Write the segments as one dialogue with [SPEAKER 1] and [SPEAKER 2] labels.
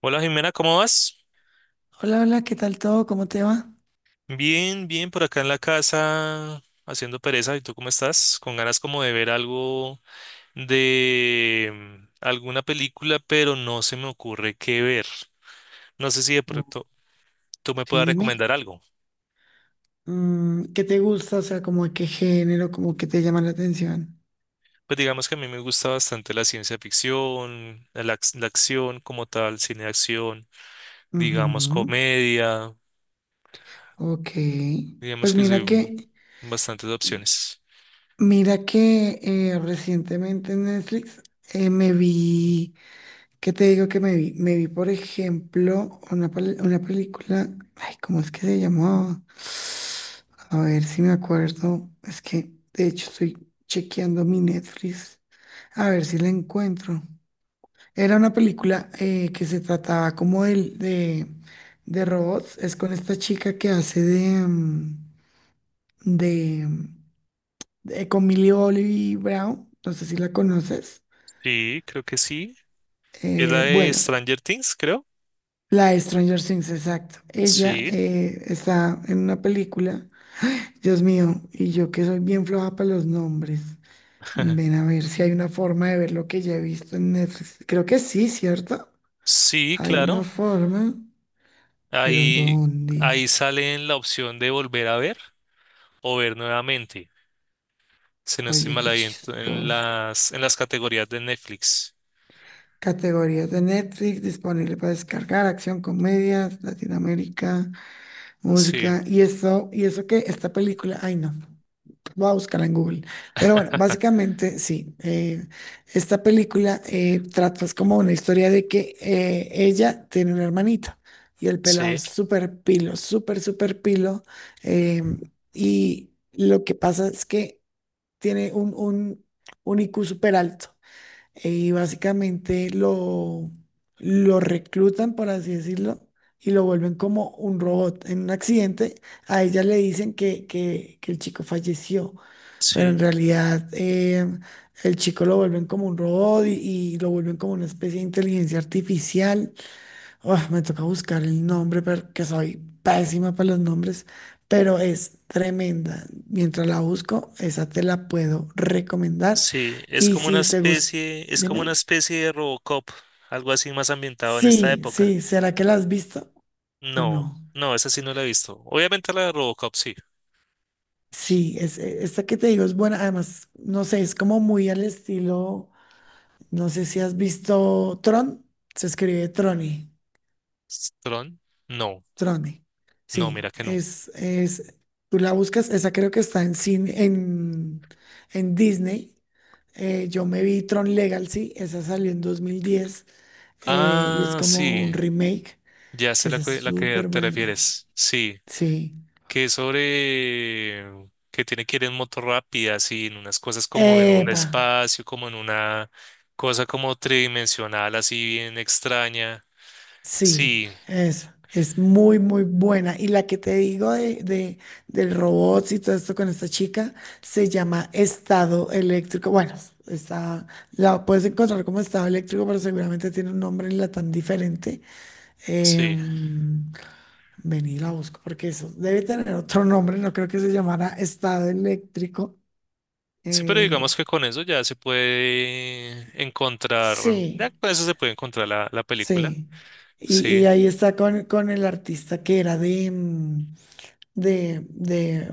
[SPEAKER 1] Hola, Jimena, ¿cómo vas?
[SPEAKER 2] Hola, hola, ¿qué tal todo? ¿Cómo te va?
[SPEAKER 1] Bien, bien, por acá en la casa haciendo pereza. ¿Y tú cómo estás? Con ganas como de ver algo de alguna película, pero no se me ocurre qué ver. No sé si de
[SPEAKER 2] Mm,
[SPEAKER 1] pronto tú me
[SPEAKER 2] Sí,
[SPEAKER 1] puedas
[SPEAKER 2] dime.
[SPEAKER 1] recomendar algo.
[SPEAKER 2] ¿Qué te gusta? O sea, como de qué género, como que te llama la atención.
[SPEAKER 1] Pues digamos que a mí me gusta bastante la ciencia ficción, la acción como tal, cine de acción, digamos
[SPEAKER 2] Ujú.
[SPEAKER 1] comedia,
[SPEAKER 2] Ok.
[SPEAKER 1] digamos
[SPEAKER 2] Pues
[SPEAKER 1] que soy
[SPEAKER 2] mira
[SPEAKER 1] un-
[SPEAKER 2] que,
[SPEAKER 1] bastantes opciones.
[SPEAKER 2] Mira que recientemente en Netflix me vi, ¿qué te digo que me vi? Me vi, por ejemplo, una película, ay, ¿cómo es que se llamaba? A ver si me acuerdo. Es que, de hecho, estoy chequeando mi Netflix. A ver si la encuentro. Era una película que se trataba como de robots. Es con esta chica que hace de, mm, con Millie Bobby Brown. No sé si la conoces.
[SPEAKER 1] Sí, creo que sí. Es la de
[SPEAKER 2] Bueno,
[SPEAKER 1] Stranger Things, creo.
[SPEAKER 2] la de Stranger Things, exacto. Ella
[SPEAKER 1] Sí.
[SPEAKER 2] está en una película. Dios mío, y yo que soy bien floja para los nombres. Ven a ver si hay una forma de ver lo que ya he visto en Netflix. Creo que sí, ¿cierto?
[SPEAKER 1] Sí,
[SPEAKER 2] Hay una
[SPEAKER 1] claro.
[SPEAKER 2] forma, pero
[SPEAKER 1] Ahí,
[SPEAKER 2] ¿dónde?
[SPEAKER 1] ahí sale en la opción de volver a ver o ver nuevamente. Si no estoy
[SPEAKER 2] Oye,
[SPEAKER 1] mal
[SPEAKER 2] qué
[SPEAKER 1] ahí en, en
[SPEAKER 2] chistoso.
[SPEAKER 1] las, en las categorías de Netflix.
[SPEAKER 2] Categorías de Netflix disponible para descargar, acción, comedias, Latinoamérica,
[SPEAKER 1] Sí,
[SPEAKER 2] música. Y eso que esta película, ay no, voy a buscarla en Google. Pero bueno, básicamente sí, esta película trata es como una historia de que ella tiene una hermanita y el pelado
[SPEAKER 1] sí,
[SPEAKER 2] es súper pilo, súper pilo. Y lo que pasa es que tiene un I Q súper alto, y básicamente lo reclutan, por así decirlo, y lo vuelven como un robot. En un accidente, a ella le dicen que el chico falleció, pero
[SPEAKER 1] sí,
[SPEAKER 2] en realidad el chico lo vuelven como un robot y lo vuelven como una especie de inteligencia artificial. Ah, me toca buscar el nombre porque soy pésima para los nombres, pero es tremenda. Mientras la busco, esa te la puedo recomendar.
[SPEAKER 1] sí. Es
[SPEAKER 2] Y
[SPEAKER 1] como una
[SPEAKER 2] si te gusta,
[SPEAKER 1] especie, es como
[SPEAKER 2] dime.
[SPEAKER 1] una especie de Robocop, algo así más ambientado en esta
[SPEAKER 2] Sí,
[SPEAKER 1] época.
[SPEAKER 2] sí, ¿será que la has visto o
[SPEAKER 1] No,
[SPEAKER 2] no?
[SPEAKER 1] no, esa sí no la he visto. Obviamente la de Robocop, sí.
[SPEAKER 2] Sí, esta que te digo es buena. Además, no sé, es como muy al estilo, no sé si has visto Tron, se escribe Troni.
[SPEAKER 1] ¿Tron? No,
[SPEAKER 2] Trone.
[SPEAKER 1] no,
[SPEAKER 2] Sí,
[SPEAKER 1] mira que no.
[SPEAKER 2] tú la buscas, esa creo que está en Disney. Yo me vi Tron Legacy, esa salió en 2010 y es
[SPEAKER 1] Ah,
[SPEAKER 2] como
[SPEAKER 1] sí,
[SPEAKER 2] un remake.
[SPEAKER 1] ya sé
[SPEAKER 2] Esa es
[SPEAKER 1] la que
[SPEAKER 2] súper
[SPEAKER 1] te
[SPEAKER 2] buena.
[SPEAKER 1] refieres. Sí.
[SPEAKER 2] Sí.
[SPEAKER 1] Que es sobre que tiene que ir en moto rápida, así, en unas cosas como en un
[SPEAKER 2] Epa.
[SPEAKER 1] espacio, como en una cosa como tridimensional, así bien extraña.
[SPEAKER 2] Sí,
[SPEAKER 1] Sí,
[SPEAKER 2] es muy, muy buena. Y la que te digo del robots y todo esto con esta chica se llama Estado Eléctrico. Bueno, está, la puedes encontrar como Estado Eléctrico, pero seguramente tiene un nombre en tan diferente.
[SPEAKER 1] sí.
[SPEAKER 2] Em, Vení, la busco porque eso debe tener otro nombre. No creo que se llamara Estado Eléctrico.
[SPEAKER 1] Sí, pero
[SPEAKER 2] Eh,
[SPEAKER 1] digamos que con eso ya se puede encontrar, ya
[SPEAKER 2] sí,
[SPEAKER 1] con eso se puede encontrar la película.
[SPEAKER 2] sí.
[SPEAKER 1] Sí.
[SPEAKER 2] Y ahí está con el artista que era de... de, de,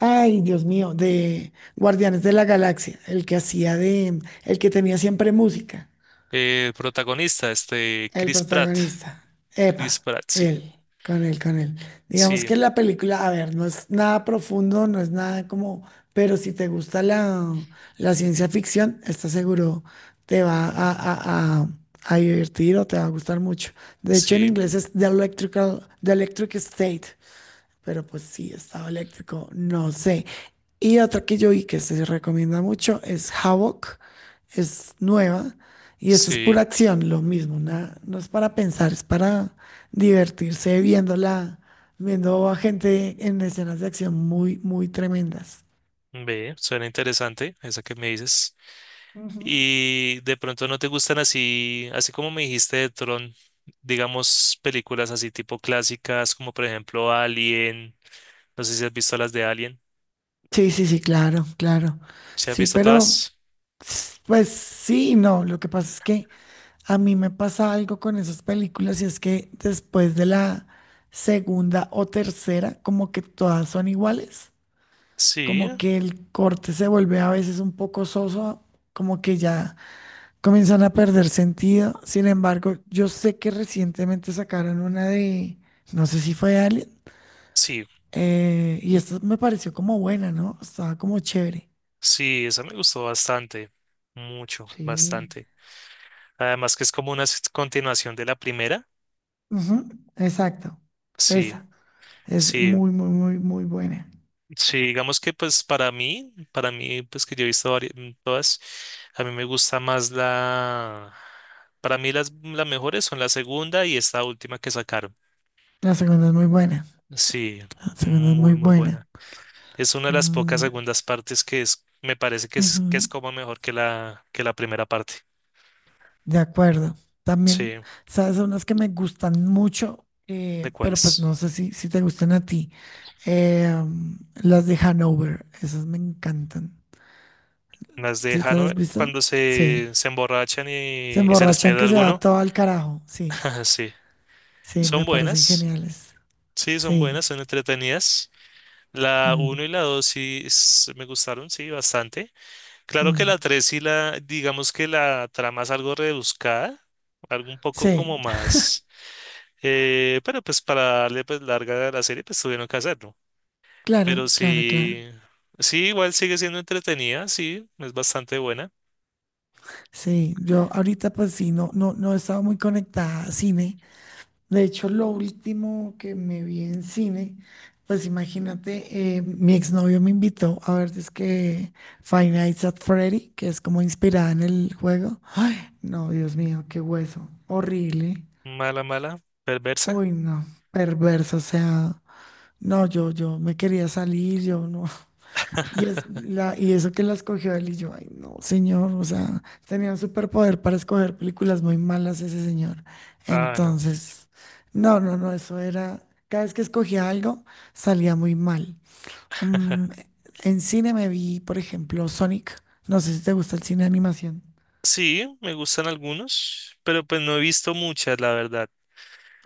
[SPEAKER 2] ay, Dios mío, de Guardianes de la Galaxia, el que hacía de, el que tenía siempre música,
[SPEAKER 1] El protagonista, este,
[SPEAKER 2] el
[SPEAKER 1] Chris Pratt.
[SPEAKER 2] protagonista.
[SPEAKER 1] Chris
[SPEAKER 2] Epa,
[SPEAKER 1] Pratt, sí.
[SPEAKER 2] él, con él. Digamos
[SPEAKER 1] Sí,
[SPEAKER 2] que la película, a ver, no es nada profundo, no es nada como, pero si te gusta la ciencia ficción, está seguro te va a divertir o te va a gustar mucho. De hecho, en
[SPEAKER 1] sí,
[SPEAKER 2] inglés es The Electric State. Pero pues sí, estado eléctrico, no sé. Y otra que yo vi que se recomienda mucho es Havoc, es nueva y esta es
[SPEAKER 1] sí.
[SPEAKER 2] pura acción, lo mismo, no es para pensar, es para divertirse viéndola, viendo a gente en escenas de acción muy, muy tremendas.
[SPEAKER 1] Ve, suena interesante esa que me dices.
[SPEAKER 2] Ujú.
[SPEAKER 1] Y de pronto no te gustan así, así como me dijiste de Tron, digamos películas así tipo clásicas, como por ejemplo Alien. No sé si has visto las de Alien.
[SPEAKER 2] Sí, sí, sí, claro, claro.
[SPEAKER 1] ¿Sí has
[SPEAKER 2] Sí,
[SPEAKER 1] visto
[SPEAKER 2] pero
[SPEAKER 1] todas?
[SPEAKER 2] pues sí, y no, lo que pasa es que... A mí me pasa algo con esas películas y es que después de la segunda o tercera, como que todas son iguales,
[SPEAKER 1] Sí,
[SPEAKER 2] como que el corte se vuelve a veces un poco soso, como que ya comienzan a perder sentido. Sin embargo, yo sé que recientemente sacaron una de, no sé si fue Alien,
[SPEAKER 1] sí,
[SPEAKER 2] y esta me pareció como buena, ¿no? Estaba como chévere.
[SPEAKER 1] sí, esa me gustó bastante, mucho,
[SPEAKER 2] Sí.
[SPEAKER 1] bastante. Además que es como una continuación de la primera.
[SPEAKER 2] Ujú, exacto.
[SPEAKER 1] Sí,
[SPEAKER 2] Esa es
[SPEAKER 1] sí.
[SPEAKER 2] muy, muy, muy, muy buena.
[SPEAKER 1] Sí, digamos que pues para mí pues que yo he visto varias, todas, a mí me gusta más para mí las mejores son la segunda y esta última que sacaron.
[SPEAKER 2] La segunda es muy buena.
[SPEAKER 1] Sí,
[SPEAKER 2] Fernanda es muy
[SPEAKER 1] muy muy
[SPEAKER 2] buena.
[SPEAKER 1] buena. Es una de las pocas
[SPEAKER 2] Mm,
[SPEAKER 1] segundas partes me parece que es
[SPEAKER 2] ujú,
[SPEAKER 1] como mejor que que la primera parte.
[SPEAKER 2] de acuerdo. También,
[SPEAKER 1] Sí,
[SPEAKER 2] ¿sabes? Son las que me gustan mucho,
[SPEAKER 1] ¿de
[SPEAKER 2] pero pues
[SPEAKER 1] cuáles?
[SPEAKER 2] no sé si, si te gustan a ti. Eh, mm, las de Hanover, esas me encantan.
[SPEAKER 1] Las de
[SPEAKER 2] ¿Sí te las has
[SPEAKER 1] Hanover
[SPEAKER 2] visto?
[SPEAKER 1] cuando
[SPEAKER 2] Sí.
[SPEAKER 1] se emborrachan
[SPEAKER 2] Se
[SPEAKER 1] y se les
[SPEAKER 2] emborrachan
[SPEAKER 1] pierde
[SPEAKER 2] que se va
[SPEAKER 1] alguno.
[SPEAKER 2] todo al carajo. Sí,
[SPEAKER 1] Sí,
[SPEAKER 2] sí, me
[SPEAKER 1] son
[SPEAKER 2] parecen
[SPEAKER 1] buenas.
[SPEAKER 2] geniales.
[SPEAKER 1] Sí, son
[SPEAKER 2] Sí.
[SPEAKER 1] buenas, son entretenidas. La
[SPEAKER 2] Mm,
[SPEAKER 1] uno y la 2 sí me gustaron, sí, bastante. Claro que
[SPEAKER 2] mm.
[SPEAKER 1] la 3 y la, digamos que la trama es algo rebuscada, algo un poco
[SPEAKER 2] Sí,
[SPEAKER 1] como más, pero pues para darle pues larga a la serie pues tuvieron que hacerlo. Pero
[SPEAKER 2] claro, claro, claro.
[SPEAKER 1] sí, sí, igual sigue siendo entretenida, sí, es bastante buena.
[SPEAKER 2] Sí, yo ahorita pues sí, no, no, no he estado muy conectada a cine. De hecho, lo último que me vi en cine, pues imagínate, mi exnovio me invitó a ver, es que Five Nights at Freddy, que es como inspirada en el juego. Ay, no, Dios mío, qué hueso, horrible.
[SPEAKER 1] Mala, mala, perversa.
[SPEAKER 2] Uy, no, perverso, o sea, no, yo me quería salir, yo no, Y, y eso que la escogió él y yo, ay, no, señor, o sea, tenía un superpoder para escoger películas muy malas ese señor.
[SPEAKER 1] Ah, no.
[SPEAKER 2] Entonces, no, no, no, eso era, cada vez que escogía algo salía muy mal. Mm, en cine me vi, por ejemplo, Sonic, no sé si te gusta el cine de animación.
[SPEAKER 1] Sí, me gustan algunos, pero pues no he visto muchas, la verdad.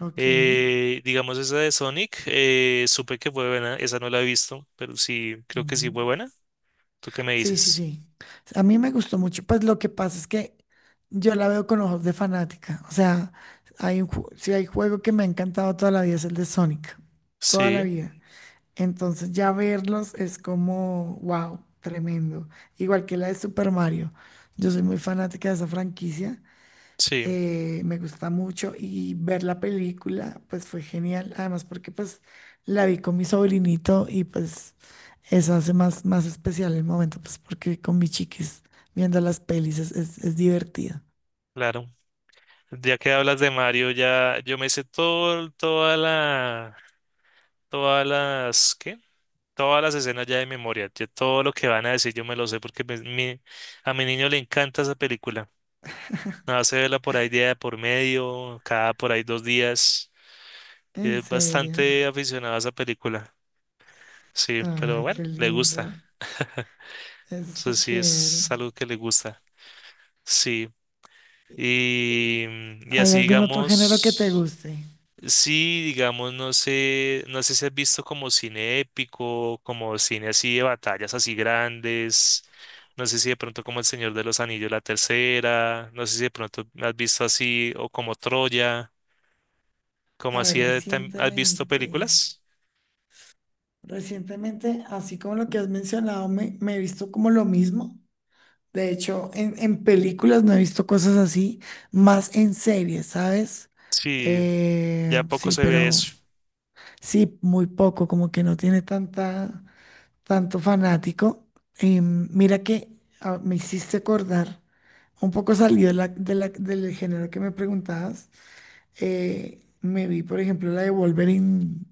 [SPEAKER 2] Ok.
[SPEAKER 1] Digamos esa de Sonic, supe que fue buena, esa no la he visto, pero sí, creo que sí
[SPEAKER 2] Ujú.
[SPEAKER 1] fue buena. ¿Tú qué me
[SPEAKER 2] Sí, sí,
[SPEAKER 1] dices?
[SPEAKER 2] sí. A mí me gustó mucho. Pues lo que pasa es que yo la veo con ojos de fanática. O sea, si hay juego que me ha encantado toda la vida es el de Sonic. Toda la
[SPEAKER 1] Sí,
[SPEAKER 2] vida. Entonces ya verlos es como, wow, tremendo. Igual que la de Super Mario. Yo soy muy fanática de esa franquicia
[SPEAKER 1] sí,
[SPEAKER 2] me gusta mucho y ver la película pues fue genial, además porque pues la vi con mi sobrinito y pues eso hace más, más especial el momento, pues porque con mis chiquis viendo las pelis es divertido.
[SPEAKER 1] claro. Ya que hablas de Mario, ya yo me sé todo, todas las, ¿qué? Todas las escenas ya de memoria, ya todo lo que van a decir yo me lo sé porque a mi niño le encanta esa película. Nada, se verla por ahí día de por medio, cada por ahí dos días.
[SPEAKER 2] En
[SPEAKER 1] Es
[SPEAKER 2] serio,
[SPEAKER 1] bastante aficionado a esa película. Sí, pero
[SPEAKER 2] ay,
[SPEAKER 1] bueno,
[SPEAKER 2] qué
[SPEAKER 1] le gusta.
[SPEAKER 2] lindo, eso está
[SPEAKER 1] Eso sí
[SPEAKER 2] chévere.
[SPEAKER 1] es algo que le gusta. Sí.
[SPEAKER 2] ¿Y- y
[SPEAKER 1] Y, y
[SPEAKER 2] ¿Hay
[SPEAKER 1] así
[SPEAKER 2] algún otro género que te
[SPEAKER 1] digamos,
[SPEAKER 2] guste?
[SPEAKER 1] sí, digamos, no sé, no sé si has visto como cine épico, como cine así de batallas así grandes. No sé si de pronto como El Señor de los Anillos, la tercera. No sé si de pronto has visto así o como Troya,
[SPEAKER 2] A
[SPEAKER 1] como
[SPEAKER 2] ver,
[SPEAKER 1] así de has visto películas.
[SPEAKER 2] recientemente, así como lo que has mencionado, me he visto como lo mismo. De hecho, en películas no he visto cosas así, más en series, ¿sabes?
[SPEAKER 1] Sí, ya poco
[SPEAKER 2] Sí,
[SPEAKER 1] se ve
[SPEAKER 2] pero
[SPEAKER 1] eso.
[SPEAKER 2] sí, muy poco, como que no tiene tanta, tanto fanático. Y mira que ah, me hiciste acordar, un poco salido del género que me preguntabas. Me vi, por ejemplo, la de Wolverine,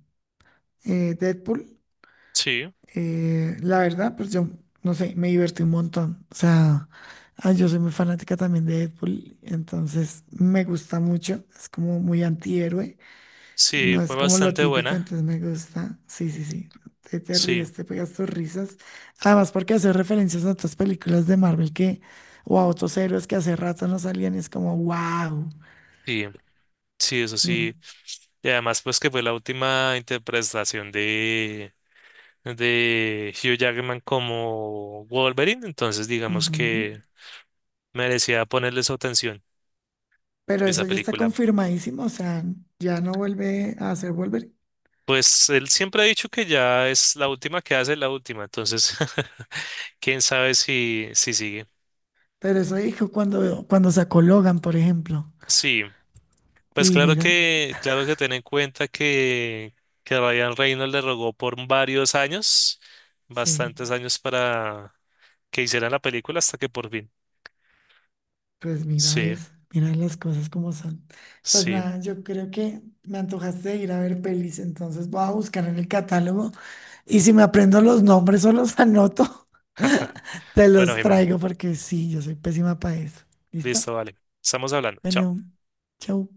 [SPEAKER 2] Deadpool.
[SPEAKER 1] Sí,
[SPEAKER 2] La verdad, pues yo, no sé, me divertí un montón. O sea, ah, yo soy muy fanática también de Deadpool, entonces me gusta mucho. Es como muy antihéroe,
[SPEAKER 1] sí,
[SPEAKER 2] no
[SPEAKER 1] fue
[SPEAKER 2] es como lo
[SPEAKER 1] bastante
[SPEAKER 2] típico,
[SPEAKER 1] buena.
[SPEAKER 2] entonces me gusta. Sí, sí, sí. Te
[SPEAKER 1] Sí.
[SPEAKER 2] ríes, te pegas tus risas. Además, porque hace referencias a otras películas de Marvel que, o a otros héroes que hace rato no salían, y es como, wow.
[SPEAKER 1] Sí, sí, eso
[SPEAKER 2] Ujú,
[SPEAKER 1] sí. Y además, pues que fue la última interpretación de Hugh Jackman como Wolverine, entonces digamos
[SPEAKER 2] ujú.
[SPEAKER 1] que merecía ponerle su atención
[SPEAKER 2] Pero
[SPEAKER 1] esa
[SPEAKER 2] eso ya está
[SPEAKER 1] película.
[SPEAKER 2] confirmadísimo, o sea, ya no vuelve a hacer volver.
[SPEAKER 1] Pues él siempre ha dicho que ya es la última que hace, la última, entonces quién sabe si, si sigue.
[SPEAKER 2] Pero eso dijo cuando sacó Logan, por ejemplo.
[SPEAKER 1] Sí, pues
[SPEAKER 2] Y mira,
[SPEAKER 1] claro que ten en cuenta que Ryan Reynolds le rogó por varios años,
[SPEAKER 2] sí,
[SPEAKER 1] bastantes años para que hicieran la película hasta que por fin.
[SPEAKER 2] pues mira,
[SPEAKER 1] Sí,
[SPEAKER 2] ves, mira las cosas como son. Pues
[SPEAKER 1] sí.
[SPEAKER 2] nada, yo creo que me antojaste de ir a ver pelis, entonces voy a buscar en el catálogo y si me aprendo los nombres o los anoto, te los
[SPEAKER 1] Bueno, Jimen,
[SPEAKER 2] traigo porque sí, yo soy pésima para eso. ¿Listo?
[SPEAKER 1] listo, vale. Estamos hablando.
[SPEAKER 2] Bueno,
[SPEAKER 1] Chao.
[SPEAKER 2] chau.